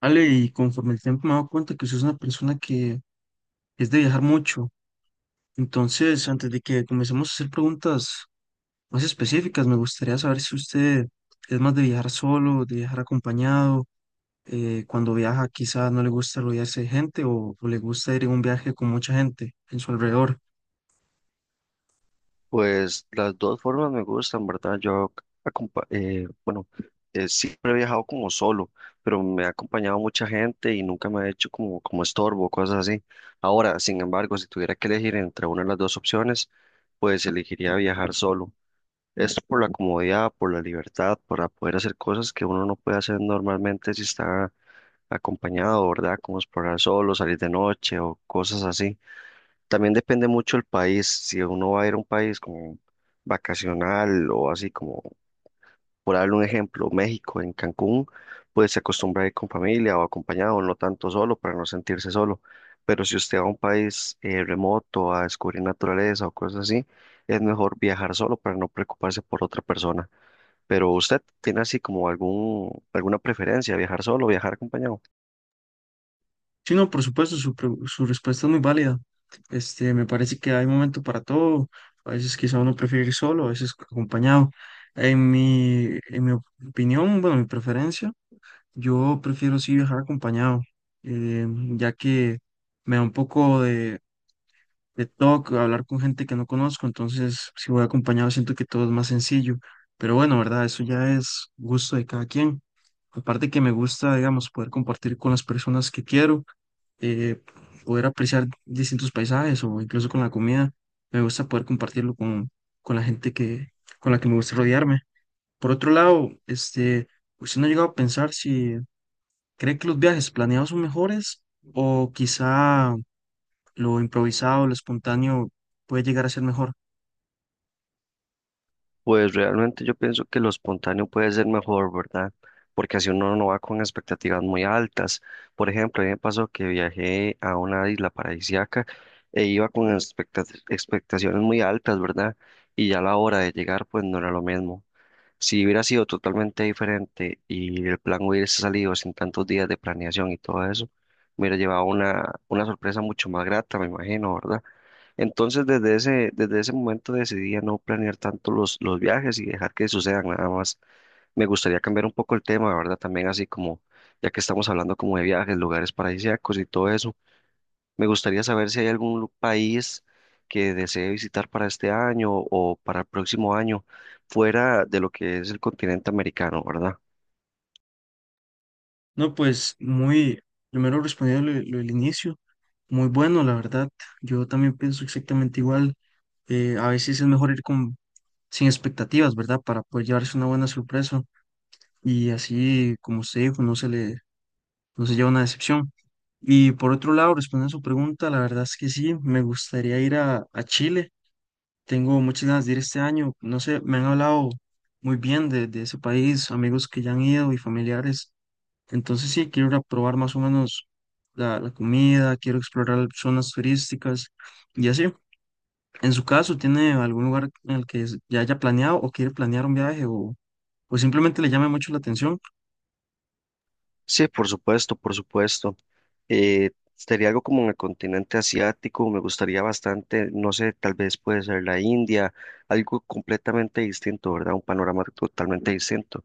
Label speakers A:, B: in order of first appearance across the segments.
A: Ale, y conforme el tiempo me he dado cuenta que usted es una persona que es de viajar mucho. Entonces, antes de que comencemos a hacer preguntas más específicas, me gustaría saber si usted es más de viajar solo, de viajar acompañado. Cuando viaja, quizá no le gusta rodearse de gente o le gusta ir en un viaje con mucha gente en su alrededor.
B: Pues las dos formas me gustan, ¿verdad? Acompa- eh, bueno, Siempre he viajado como solo, pero me ha acompañado mucha gente y nunca me ha hecho como estorbo, cosas así. Ahora, sin embargo, si tuviera que elegir entre una de las dos opciones, pues elegiría viajar solo. Esto por la comodidad, por la libertad, para poder hacer cosas que uno no puede hacer normalmente si está acompañado, ¿verdad? Como explorar solo, salir de noche o cosas así. También depende mucho el país. Si uno va a ir a un país como vacacional o así como, por darle un ejemplo, México, en Cancún, pues se acostumbra a ir con familia o acompañado, no tanto solo para no sentirse solo. Pero si usted va a un país remoto a descubrir naturaleza o cosas así, es mejor viajar solo para no preocuparse por otra persona. Pero usted tiene así como alguna preferencia, ¿viajar solo o viajar acompañado?
A: Sí, no, por supuesto, su respuesta es muy válida. Me parece que hay momento para todo. A veces quizá uno prefiere ir solo, a veces acompañado. En mi opinión, bueno, mi preferencia, yo prefiero sí viajar acompañado, eh, ya que me da un poco de toque hablar con gente que no conozco, entonces si voy acompañado siento que todo es más sencillo. Pero bueno, ¿verdad? Eso ya es gusto de cada quien. Aparte que me gusta, digamos, poder compartir con las personas que quiero, eh, poder apreciar distintos paisajes o incluso con la comida. Me gusta poder compartirlo con la gente con la que me gusta rodearme. Por otro lado, usted no ha llegado a pensar si cree que los viajes planeados son mejores o quizá lo improvisado, lo espontáneo puede llegar a ser mejor.
B: Pues realmente yo pienso que lo espontáneo puede ser mejor, ¿verdad? Porque así uno no va con expectativas muy altas. Por ejemplo, a mí me pasó que viajé a una isla paradisíaca e iba con expectaciones muy altas, ¿verdad? Y ya a la hora de llegar, pues no era lo mismo. Si hubiera sido totalmente diferente y el plan hubiese salido sin tantos días de planeación y todo eso, me hubiera llevado una sorpresa mucho más grata, me imagino, ¿verdad? Entonces, desde ese momento decidí a no planear tanto los viajes y dejar que sucedan nada más. Me gustaría cambiar un poco el tema, ¿verdad? También así como, ya que estamos hablando como de viajes, lugares paradisíacos y todo eso, me gustaría saber si hay país que desee visitar para este año o para el próximo año, fuera de lo que es el continente americano, ¿verdad?
A: No, pues primero respondiendo lo del inicio, muy bueno, la verdad. Yo también pienso exactamente igual. A veces es mejor ir con sin expectativas, ¿verdad? Para poder llevarse una buena sorpresa y así, como usted dijo, no se lleva una decepción. Y por otro lado, respondiendo a su pregunta, la verdad es que sí, me gustaría ir a Chile. Tengo muchas ganas de ir este año. No sé, me han hablado muy bien de ese país, amigos que ya han ido y familiares. Entonces sí, quiero ir a probar más o menos la comida, quiero explorar zonas turísticas y así. En su caso, ¿tiene algún lugar en el que ya haya planeado o quiere planear un viaje o pues simplemente le llame mucho la atención?
B: Sí, por supuesto, por supuesto. Sería algo como en el continente asiático, me gustaría bastante, no sé, tal vez puede ser la India, algo completamente distinto, ¿verdad? Un panorama totalmente distinto.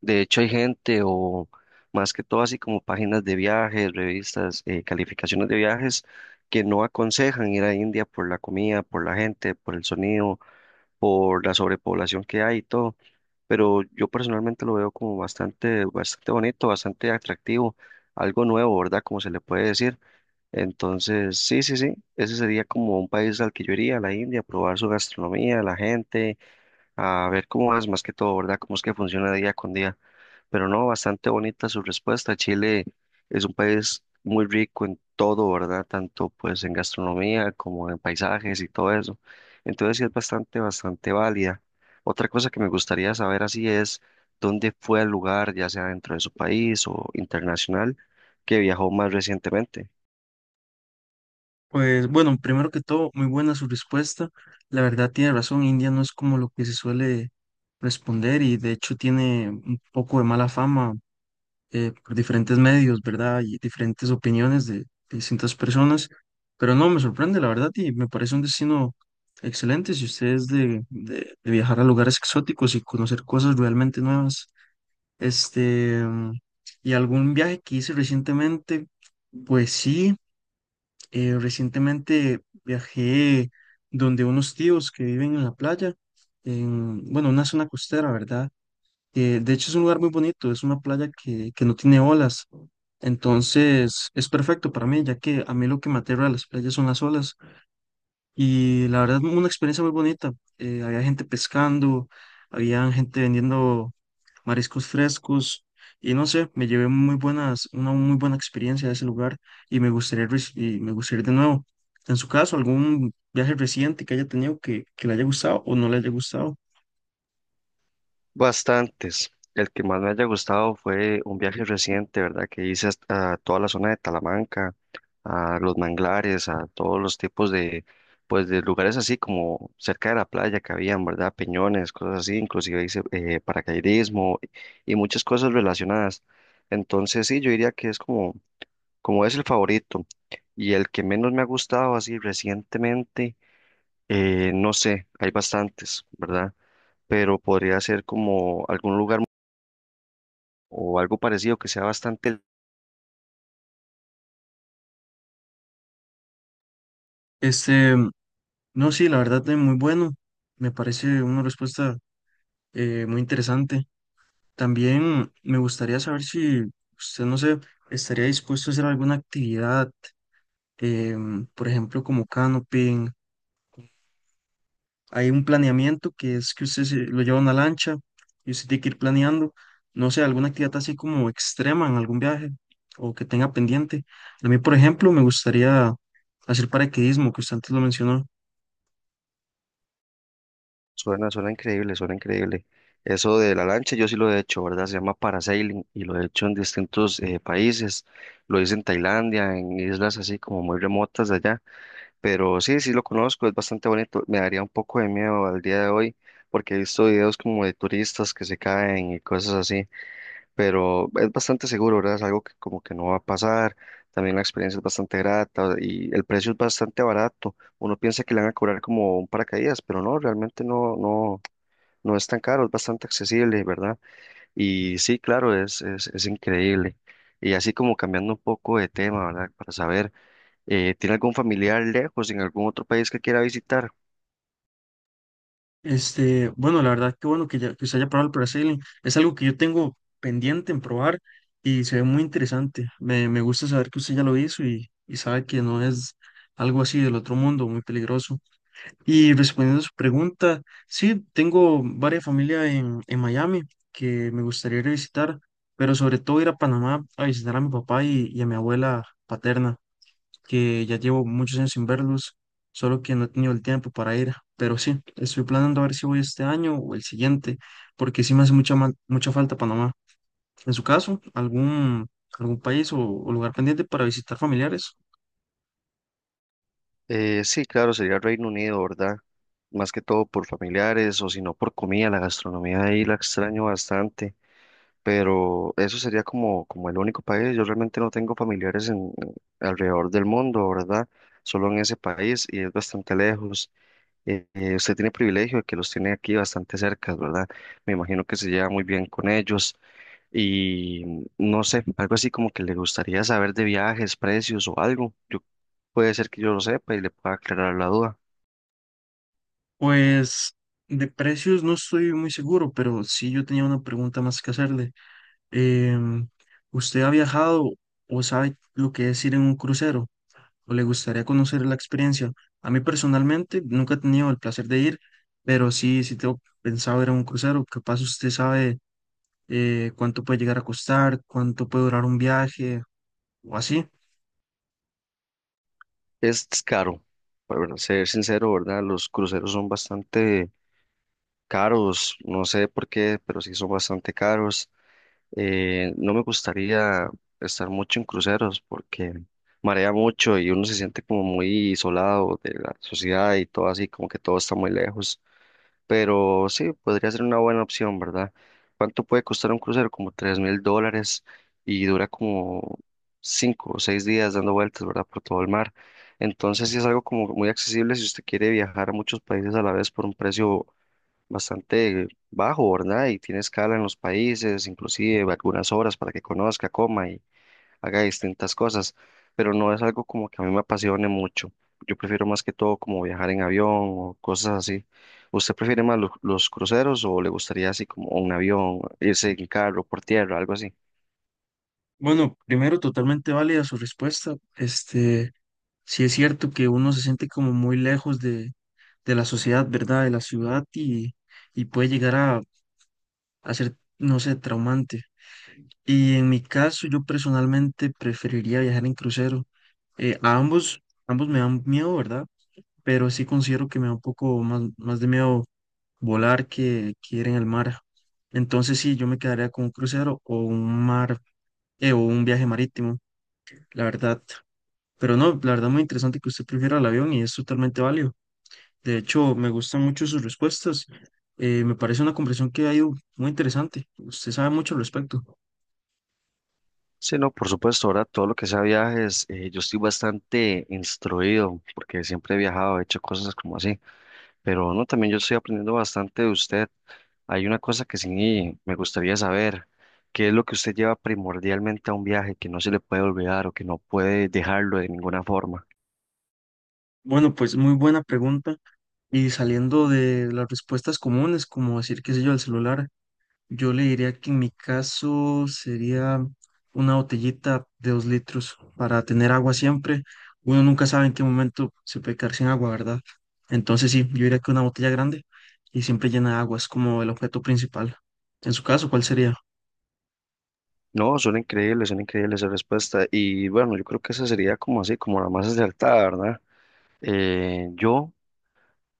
B: De hecho, hay gente o más que todo así como páginas de viajes, revistas, calificaciones de viajes que no aconsejan ir a India por la comida, por la gente, por el sonido, por la sobrepoblación que hay y todo. Pero yo personalmente lo veo como bastante, bastante bonito, bastante atractivo, algo nuevo, ¿verdad? Como se le puede decir. Entonces, sí, sí, sí, ese sería como un país al que yo iría, la India, a probar su gastronomía, la gente, a ver cómo es más que todo, ¿verdad? Cómo es que funciona día con día. Pero no, bastante bonita su respuesta. Chile es un país muy rico en todo, ¿verdad? Tanto pues en gastronomía como en paisajes y todo eso. Entonces sí es bastante, bastante válida. Otra cosa que me gustaría saber así es dónde fue el lugar, ya sea dentro de su país o internacional, que viajó más recientemente.
A: Pues bueno, primero que todo, muy buena su respuesta. La verdad tiene razón, India no es como lo que se suele responder y de hecho tiene un poco de mala fama, por diferentes medios, ¿verdad? Y diferentes opiniones de distintas personas. Pero no, me sorprende, la verdad, y me parece un destino excelente si usted es de viajar a lugares exóticos y conocer cosas realmente nuevas. Este, y algún viaje que hice recientemente, pues sí. Recientemente viajé donde unos tíos que viven en la playa, bueno, una zona costera, ¿verdad? De hecho es un lugar muy bonito, es una playa que no tiene olas, entonces es perfecto para mí, ya que a mí lo que me aterra de las playas son las olas, y la verdad una experiencia muy bonita. Había gente pescando, había gente vendiendo mariscos frescos y no sé, me llevé una muy buena experiencia de ese lugar y y me gustaría ir de nuevo. En su caso, algún viaje reciente que haya tenido que le haya gustado o no le haya gustado.
B: Bastantes. El que más me haya gustado fue un viaje reciente, ¿verdad? Que hice a toda la zona de Talamanca, a los manglares, a todos los tipos de, pues, de lugares así como cerca de la playa que habían, ¿verdad? Peñones, cosas así, inclusive hice paracaidismo y muchas cosas relacionadas. Entonces, sí, yo diría que es como, como es el favorito. Y el que menos me ha gustado así recientemente, no sé, hay bastantes, ¿verdad? Pero podría ser como algún lugar o algo parecido que sea bastante,
A: Este, no, sí, la verdad es muy bueno. Me parece una respuesta muy interesante. También me gustaría saber si usted, no sé, estaría dispuesto a hacer alguna actividad, por ejemplo, como canoping. Hay un planeamiento que es que usted lo lleva a una lancha y usted tiene que ir planeando, no sé, alguna actividad así como extrema en algún viaje o que tenga pendiente. A mí, por ejemplo, me gustaría hacer paracaidismo, que usted antes lo mencionó.
B: suena, suena increíble, suena increíble. Eso de la lancha yo sí lo he hecho, ¿verdad? Se llama parasailing y lo he hecho en distintos países, lo hice en Tailandia, en islas así como muy remotas de allá, pero sí, sí lo conozco, es bastante bonito, me daría un poco de miedo al día de hoy porque he visto videos como de turistas que se caen y cosas así, pero es bastante seguro, ¿verdad? Es algo que como que no va a pasar, también la experiencia es bastante grata y el precio es bastante barato. Uno piensa que le van a cobrar como un paracaídas, pero no, realmente no, no, no es tan caro, es bastante accesible, ¿verdad? Y sí, claro, es increíble. Y así como cambiando un poco de tema, ¿verdad? Para saber, ¿tiene algún familiar lejos en algún otro país que quiera visitar?
A: Bueno, la verdad que bueno que usted haya probado el parasailing. Es algo que yo tengo pendiente en probar y se ve muy interesante. Me gusta saber que usted ya lo hizo y sabe que no es algo así del otro mundo, muy peligroso. Y respondiendo a su pregunta, sí, tengo varias familias en Miami que me gustaría ir a visitar, pero sobre todo ir a Panamá a visitar a mi papá y a mi abuela paterna, que ya llevo muchos años sin verlos, solo que no he tenido el tiempo para ir. Pero sí, estoy planeando a ver si voy este año o el siguiente, porque sí me hace mucha falta Panamá. En su caso, ¿algún país o lugar pendiente para visitar familiares?
B: Sí, claro, sería Reino Unido, ¿verdad? Más que todo por familiares o si no por comida, la gastronomía ahí la extraño bastante. Pero eso sería como, como el único país. Yo realmente no tengo familiares en, alrededor del mundo, ¿verdad? Solo en ese país y es bastante lejos. Usted tiene privilegio de que los tiene aquí bastante cerca, ¿verdad? Me imagino que se lleva muy bien con ellos y mm, no sé, algo así como que le gustaría saber de viajes, precios o algo. Yo, puede ser que yo lo sepa y le pueda aclarar la duda.
A: Pues de precios no estoy muy seguro, pero sí yo tenía una pregunta más que hacerle. Em, ¿Usted ha viajado o sabe lo que es ir en un crucero? ¿O le gustaría conocer la experiencia? A mí personalmente nunca he tenido el placer de ir, pero sí, sí tengo pensado ir a un crucero. Capaz usted sabe, cuánto puede llegar a costar, cuánto puede durar un viaje o así.
B: Es caro, para ser sincero, ¿verdad? Los cruceros son bastante caros, no sé por qué, pero sí son bastante caros. No me gustaría estar mucho en cruceros porque marea mucho y uno se siente como muy isolado de la sociedad y todo así, como que todo está muy lejos. Pero sí, podría ser una buena opción, ¿verdad? ¿Cuánto puede costar un crucero? Como $3000 y dura como cinco o seis días dando vueltas, ¿verdad? Por todo el mar. Entonces sí es algo como muy accesible si usted quiere viajar a muchos países a la vez por un precio bastante bajo, ¿verdad? Y tiene escala en los países, inclusive algunas horas para que conozca, coma y haga distintas cosas, pero no es algo como que a mí me apasione mucho. Yo prefiero más que todo como viajar en avión o cosas así. ¿Usted prefiere más los cruceros o le gustaría así como un avión, irse en carro, por tierra, algo así?
A: Bueno, primero, totalmente válida su respuesta. Sí es cierto que uno se siente como muy lejos de la sociedad, ¿verdad? De la ciudad y puede llegar a ser, no sé, traumante. Y en mi caso, yo personalmente preferiría viajar en crucero. A ambos me dan miedo, ¿verdad? Pero sí considero que me da un poco más de miedo volar que ir en el mar. Entonces sí, yo me quedaría con un crucero o un mar, o un viaje marítimo, la verdad. Pero no, la verdad muy interesante que usted prefiera el avión y es totalmente válido. De hecho, me gustan mucho sus respuestas. Me parece una conversación que ha ido muy interesante. Usted sabe mucho al respecto.
B: Sí, no, por supuesto, ahora todo lo que sea viajes, yo estoy bastante instruido porque siempre he viajado, he hecho cosas como así, pero no, también yo estoy aprendiendo bastante de usted. Hay una cosa que sí me gustaría saber, ¿qué es lo que usted lleva primordialmente a un viaje que no se le puede olvidar o que no puede dejarlo de ninguna forma?
A: Bueno, pues muy buena pregunta. Y saliendo de las respuestas comunes, como decir, qué sé yo, el celular, yo le diría que en mi caso sería una botellita de 2 litros para tener agua siempre. Uno nunca sabe en qué momento se puede quedar sin agua, ¿verdad? Entonces sí, yo diría que una botella grande y siempre llena de agua es como el objeto principal. En su caso, ¿cuál sería?
B: No, son increíbles esa respuesta. Y bueno, yo creo que esa sería como así, como la más acertada, ¿verdad? Eh, yo,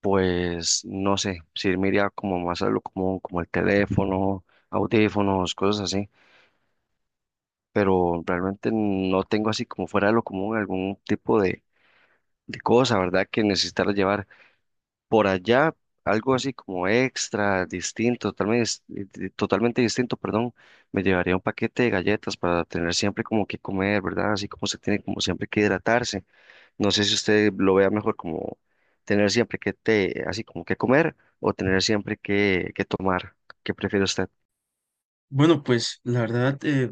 B: pues, no sé, si me iría como más a lo común, como el teléfono, audífonos, cosas así, pero realmente no tengo así como fuera de lo común algún tipo de cosa, ¿verdad? Que necesitar llevar. Por allá algo así como extra, distinto, totalmente, totalmente distinto, perdón, me llevaría un paquete de galletas para tener siempre como que comer, ¿verdad? Así como se tiene como siempre que hidratarse. No sé si usted lo vea mejor como tener siempre que te, así como que comer o tener siempre que tomar. ¿Qué prefiere usted?
A: Bueno, pues la verdad,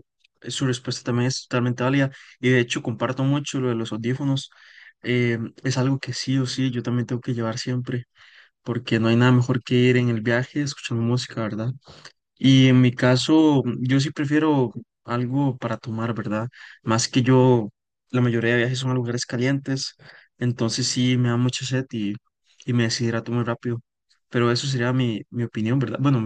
A: su respuesta también es totalmente válida y de hecho comparto mucho lo de los audífonos. Es algo que sí o sí yo también tengo que llevar siempre porque no hay nada mejor que ir en el viaje escuchando música, ¿verdad? Y en mi caso, yo sí prefiero algo para tomar, ¿verdad? Más que yo, la mayoría de viajes son a lugares calientes, entonces sí me da mucha sed y me decidirá tomar rápido. Pero eso sería mi opinión, ¿verdad? Bueno,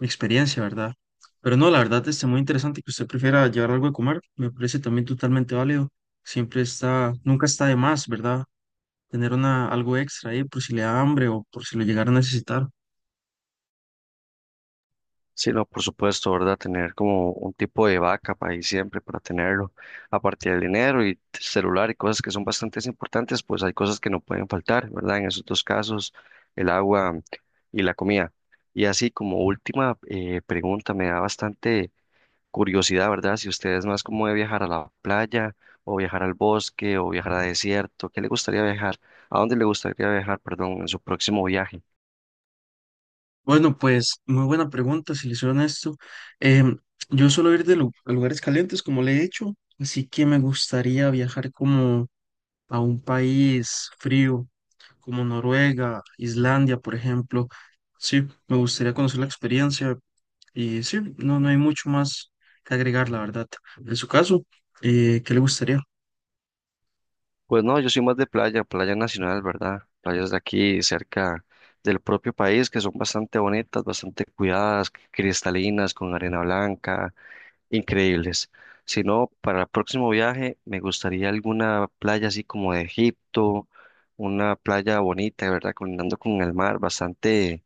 A: mi experiencia, ¿verdad? Pero no, la verdad es muy interesante que usted prefiera llevar algo de comer, me parece también totalmente válido. Nunca está de más, ¿verdad? Tener algo extra ahí por si le da hambre o por si lo llegara a necesitar.
B: Sí, no, por supuesto, ¿verdad? Tener como un tipo de vaca para ahí siempre, para tenerlo. Aparte del dinero y celular y cosas que son bastante importantes, pues hay cosas que no pueden faltar, ¿verdad? En esos dos casos, el agua y la comida. Y así como última pregunta, me da bastante curiosidad, ¿verdad? Si usted es más como de viajar a la playa o viajar al bosque o viajar a desierto, ¿qué le gustaría viajar? ¿A dónde le gustaría viajar, perdón, en su próximo viaje?
A: Bueno, pues muy buena pregunta, si le soy honesto. Em, yo suelo ir a lugares calientes, como le he dicho, así que me gustaría viajar como a un país frío, como Noruega, Islandia, por ejemplo. Sí, me gustaría conocer la experiencia. Y sí, no hay mucho más que agregar, la verdad. En su caso, ¿qué le gustaría?
B: Pues no, yo soy más de playa, playa nacional, ¿verdad? Playas de aquí, cerca del propio país, que son bastante bonitas, bastante cuidadas, cristalinas, con arena blanca, increíbles. Si no, para el próximo viaje me gustaría alguna playa así como de Egipto, una playa bonita, ¿verdad? Colindando con el mar, bastante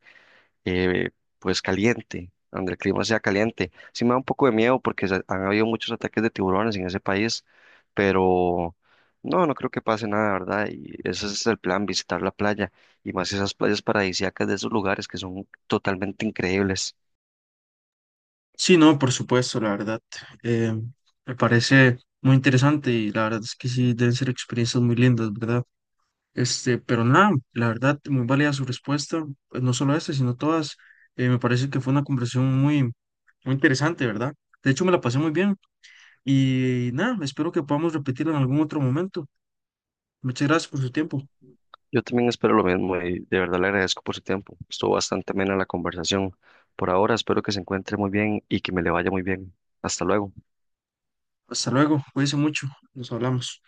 B: eh, pues caliente, donde el clima sea caliente. Sí me da un poco de miedo porque han habido muchos ataques de tiburones en ese país, pero no, no creo que pase nada, ¿verdad? Y ese es el plan, visitar la playa y más esas playas paradisíacas de esos lugares que son totalmente increíbles.
A: Sí, no, por supuesto, la verdad. eh, Me parece muy interesante y la verdad es que sí, deben ser experiencias muy lindas, ¿verdad? Pero nada, la verdad, muy válida su respuesta, pues, no solo esta, sino todas. Me parece que fue una conversación muy, muy interesante, ¿verdad? De hecho, me la pasé muy bien y nada, espero que podamos repetirla en algún otro momento. Muchas gracias por su tiempo.
B: Yo también espero lo mismo y de verdad le agradezco por su tiempo. Estuvo bastante amena la conversación. Por ahora espero que se encuentre muy bien y que me le vaya muy bien. Hasta luego.
A: Hasta luego, cuídense mucho, nos hablamos.